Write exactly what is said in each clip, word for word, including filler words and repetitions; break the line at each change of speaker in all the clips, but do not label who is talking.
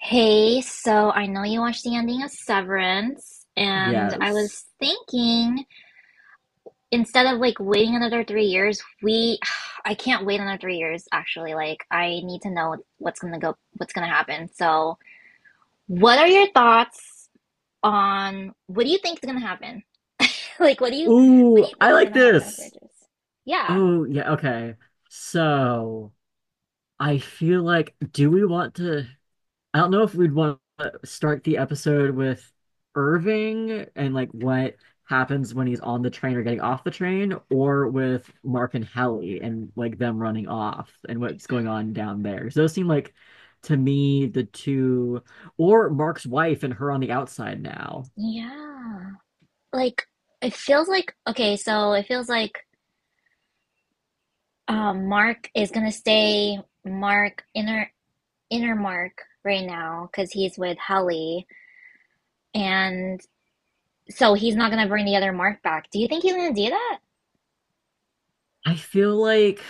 Hey, so I know you watched the ending of Severance, and I
Yes.
was thinking instead of like waiting another three years, we I can't wait another three years actually. Like I need to know what's gonna go, what's gonna happen. So, what are your thoughts on what do you think is gonna happen? Like, what do you what
Ooh,
do you
I
think is
like
gonna happen on the
this.
characters? Yeah,
Oh, yeah, okay. So, I feel like, do we want to? I don't know if we'd want to start the episode with Irving and like what happens when he's on the train or getting off the train, or with Mark and Hallie and like them running off and what's going on down there. 'Cause those seem like, to me, the two, or Mark's wife and her on the outside now.
yeah. Like it feels like okay, so it feels like um, Mark is gonna stay Mark inner Innermark right now because he's with Helly, and so he's not gonna bring the other Mark back. Do you think he's gonna do that?
I feel like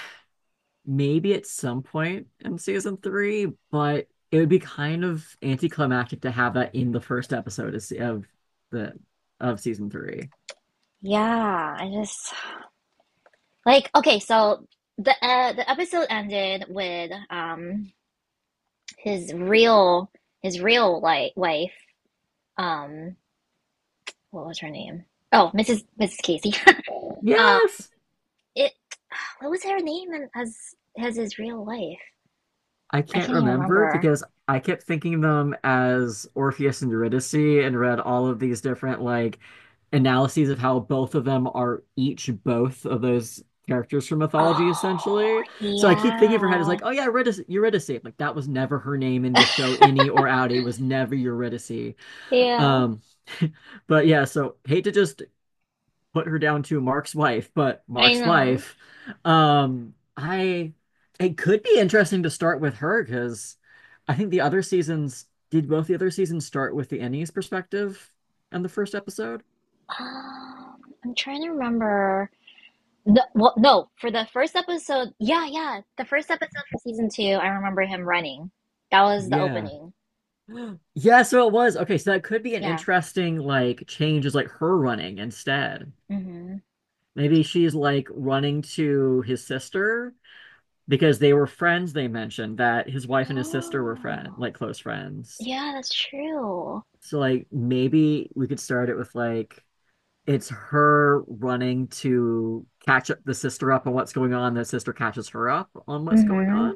maybe at some point in season three, but it would be kind of anticlimactic to have that in the first episode of the of season three.
Yeah, I just like okay. So the uh, the episode ended with um his real his real like wife um what was her name? Oh, missus missus Casey. um,
Yes,
it what was her name in- as as his real wife?
I
I
can't
can't even
remember
remember.
because I kept thinking them as Orpheus and Eurydice and read all of these different like analyses of how both of them are each both of those characters from mythology
Oh
essentially. So I keep thinking of her head is
yeah.
like, oh yeah, Eurydice, Eurydice. Like that was never her name in the show. Innie or Outie was never Eurydice.
Yeah,
Um, but yeah, so hate to just put her down to Mark's wife, but
I
Mark's
know.
wife, um, I it could be interesting to start with her because I think the other seasons did, both the other seasons, start with the Ennies perspective on the first episode?
Um, I'm trying to remember. The, well, no, for the first episode, yeah, yeah, the first episode for season two, I remember him running. That was the
Yeah.
opening.
Yeah, so it was. Okay, so that could be an
Yeah.
interesting like change is like her running instead.
Mm-hmm.
Maybe she's like running to his sister because they were friends, they mentioned that his wife and his sister were friend
Oh,
like close friends,
yeah, that's true.
so like maybe we could start it with like it's her running to catch up, the sister up on what's going on, the sister catches her up on what's going
Mm-hmm.
on,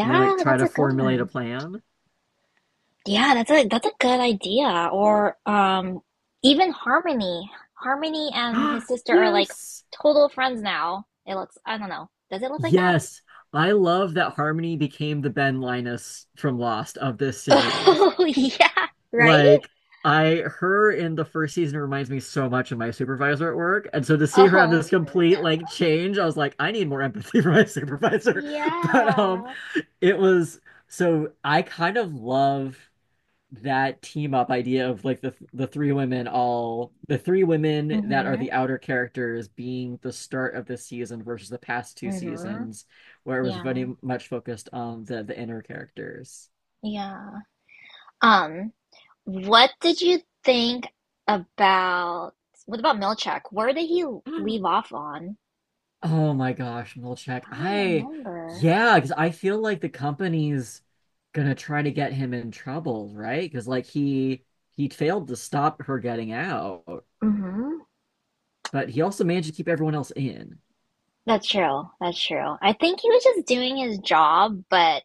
and they like try
that's
to
a good
formulate a
one.
plan.
Yeah, that's a that's a good idea. Or um, even Harmony, Harmony and his sister are like
Yes.
total friends now. It looks, I don't know. Does it look like that?
Yes, I love that Harmony became the Ben Linus from Lost of this series.
Oh, yeah, right?
Like, I, her in the first season reminds me so much of my supervisor at work. And so to see her have
Oh
this complete
no.
like change, I was like, I need more empathy for my supervisor. But um
Yeah.
it was, so I kind of love that team up idea of like the the three women, all the three women that are
Mm-hmm.
the outer characters being the start of this season versus the past two
Mm-hmm.
seasons where it was
Yeah.
very much focused on the the inner characters.
Yeah. Um, what did you think about what about Milchak? Where did he leave off on?
Oh my gosh, Milchek.
I don't even
I,
remember.
yeah, because I feel like the company's gonna try to get him in trouble, right? Because like he he failed to stop her getting out,
Mm-hmm.
but he also managed to keep everyone else in.
That's true. That's true. I think he was just doing his job, but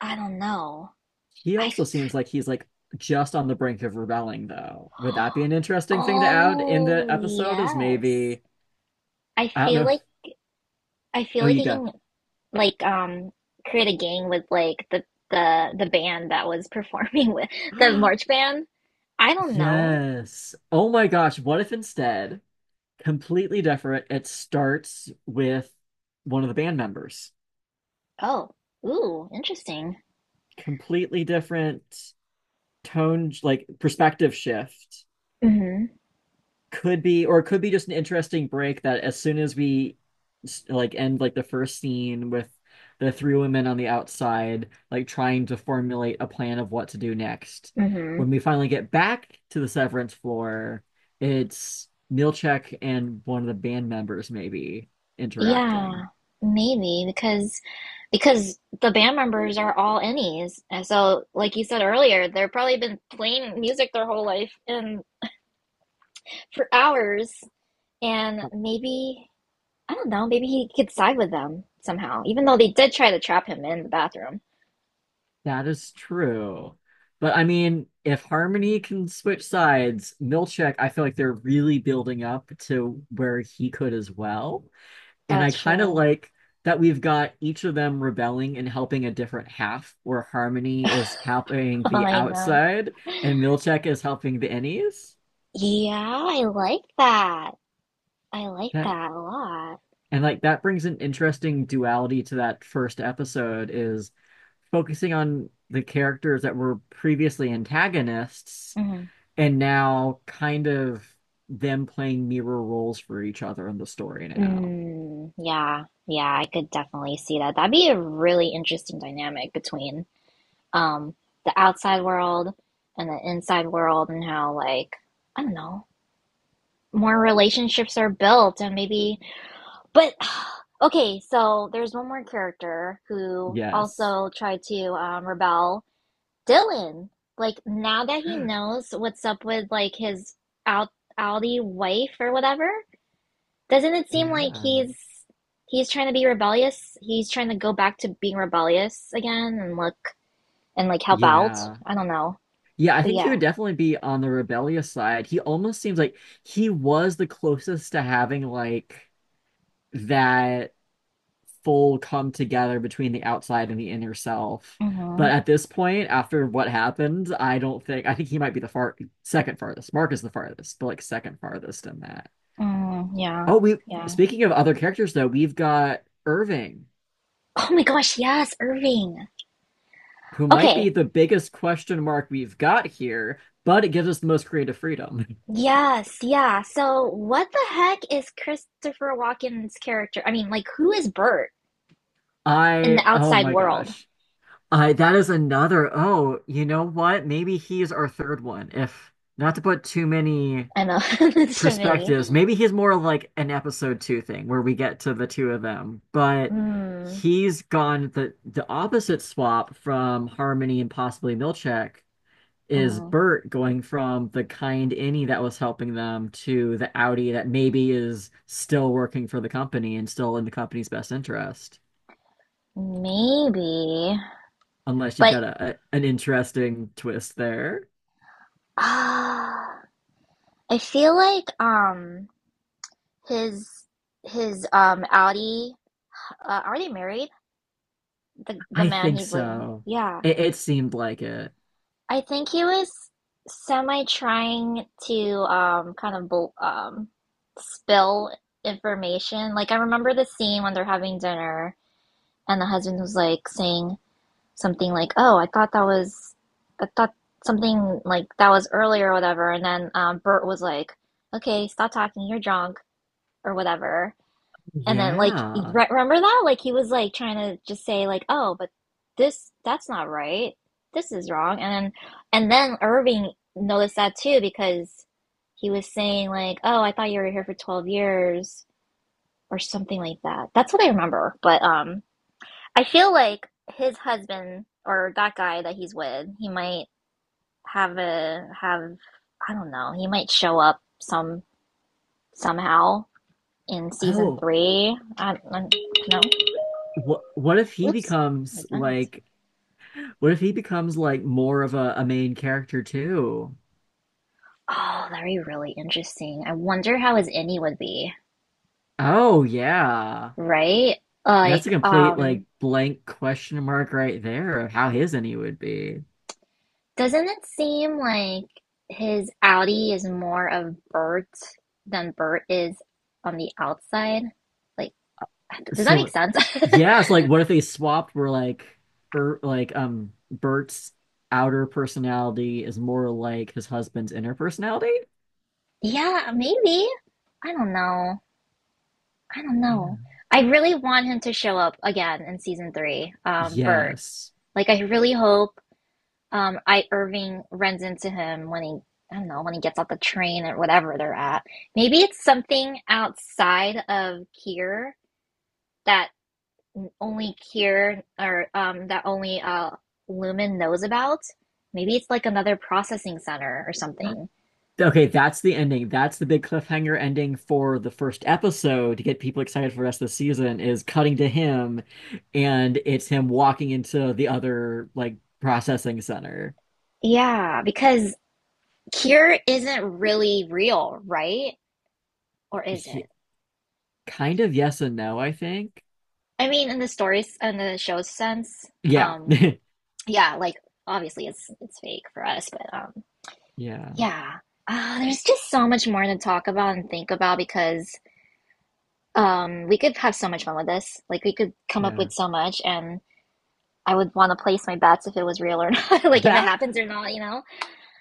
I don't know.
He
I
also seems like he's like just on the brink of rebelling, though.
f-
Would that be an interesting thing to add in the
Oh,
episode? Is
yes.
maybe
I
I don't know.
feel like
If,
I feel
oh,
like
you
he
go.
can like um create a gang with like the the the band that was performing with the march band. I don't know.
Yes. Oh my gosh. What if, instead, completely different, it starts with one of the band members.
Oh, ooh, interesting.
Completely different tone, like perspective shift.
Mm-hmm.
Could be, or it could be just an interesting break that as soon as we like end like the first scene with the three women on the outside, like trying to formulate a plan of what to do next.
Mm-hmm.
When we finally get back to the severance floor, it's Milchek and one of the band members maybe
Yeah,
interacting.
maybe because because the band members are all innies. And so, like you said earlier, they've probably been playing music their whole life and for hours. And maybe, I don't know, maybe he could side with them somehow, even though they did try to trap him in the bathroom.
That is true. But I mean, if Harmony can switch sides, Milchek, I feel like they're really building up to where he could as well. And I kind of
Gotcha.
like that we've got each of them rebelling and helping a different half, where Harmony is helping the
I know.
outside and Milchek is helping the innies.
Yeah, I like that. I like
That,
that a lot.
and like that brings an interesting duality to that first episode is focusing on the characters that were previously antagonists.
Hmm.
And now kind of them playing mirror roles for each other in the story now.
Mm, yeah, yeah, I could definitely see that. That'd be a really interesting dynamic between um the outside world and the inside world and how like I don't know, more relationships are built and maybe but okay, so there's one more character who
Yes.
also tried to um rebel Dylan, like now that he knows what's up with like his out outy wife or whatever, doesn't it seem like
Yeah.
he's he's trying to be rebellious? He's trying to go back to being rebellious again and look and like help out.
Yeah.
I don't know.
Yeah, I
But
think he
yeah.
would definitely be on the rebellious side. He almost seems like he was the closest to having like that full come together between the outside and the inner self.
Mm-hmm.
But at this point, after what happened, I don't think I think he might be the far second farthest. Mark is the farthest, but like second farthest in that.
Mm, yeah.
Oh, we,
Yeah.
speaking of other characters though, we've got Irving,
Oh my gosh, yes, Irving.
who might be
Okay.
the biggest question mark we've got here, but it gives us the most creative freedom.
Yes, yeah. So what the heck is Christopher Walken's character? I mean, like who is Bert in
I,
the
oh
outside
my
world?
gosh. I that is another, oh, you know what? Maybe he's our third one. If not to put too many
I know there's too many.
perspectives, maybe he's more like an episode two thing where we get to the two of them, but
Mm,
he's gone, the the opposite swap from Harmony and possibly Milchek is
mm,
Bert going from the kind innie that was helping them to the Audi that maybe is still working for the company and still in the company's best interest.
maybe,
Unless you've
but
got a, a- an interesting twist there.
ah, I feel like um his his um Audi uh, are they married? The the
I
man
think
he's living.
so.
Yeah,
It, it seemed like it.
I think he was semi trying to um kind of bul- um spill information. Like I remember the scene when they're having dinner and the husband was like saying something like, "Oh, I thought that was, I thought something like that was earlier or whatever." And then um, Bert was like, "Okay, stop talking. You're drunk or whatever." And then like,
Yeah.
re remember that? Like he was like trying to just say like, "Oh, but this that's not right. This is wrong." And then and then Irving noticed that too because he was saying like, "Oh, I thought you were here for twelve years." Or something like that. That's what I remember. But um, I feel like his husband or that guy that he's with, he might have a have I don't know, he might show up some somehow in season
Oh,
three. I, I no.
what what if he
Oops. My
becomes
guns.
like what if he becomes like more of a, a main character too?
Oh, that'd be really interesting. I wonder how his innie would be,
Oh yeah.
right?
That's a
Like,
complete like
um,
blank question mark right there of how his any would be.
doesn't it seem like his outie is more of Bert than Bert is on the outside? Like does that make
So
sense?
yeah, it's like what if they swapped where like Bert like um Bert's outer personality is more like his husband's inner personality?
Yeah, maybe. I don't know. I don't know.
Yeah.
I really want him to show up again in season three, um, Bert.
Yes.
Like I really hope um I Irving runs into him when he I don't know, when he gets off the train or whatever they're at. Maybe it's something outside of Kier that only Kier or um that only uh Lumen knows about. Maybe it's like another processing center or something.
Okay, that's the ending. That's the big cliffhanger ending for the first episode to get people excited for the rest of the season is cutting to him, and it's him walking into the other like processing center.
Yeah, because Cure isn't really real, right? Or is
Yeah.
it?
Kind of yes and no, I think.
I mean, in the stories and the show's sense,
Yeah.
um, yeah, like obviously it's it's fake for us, but um,
Yeah.
yeah. Uh, there's just so much more to talk about and think about because um, we could have so much fun with this. Like we could come up
Yeah.
with so much, and I would want to place my bets if it was real or not, like if it happens or not, you know.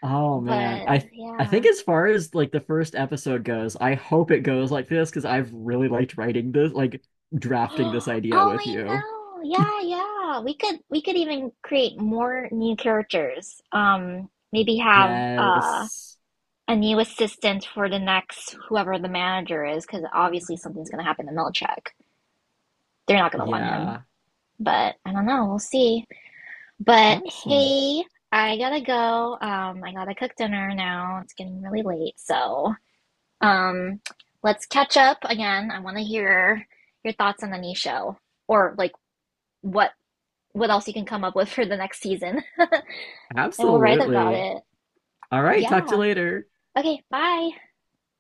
Oh man.
But
I I
yeah,
think as far as like the first episode goes, I hope it goes like this because I've really liked writing this, like drafting this idea
oh,
with
I
you.
know. Yeah, yeah. We could we could even create more new characters. Um, maybe have uh
Yes.
a new assistant for the next whoever the manager is, because obviously something's gonna happen to Milchek. They're not gonna want him.
Yeah.
But I don't know, we'll see. But
Awesome.
hey, I gotta go. Um, I gotta cook dinner now. It's getting really late, so um let's catch up again. I wanna hear your thoughts on the new show. Or like what what else you can come up with for the next season and we'll write about
Absolutely.
it.
All right, talk to you
Yeah.
later.
Okay, bye.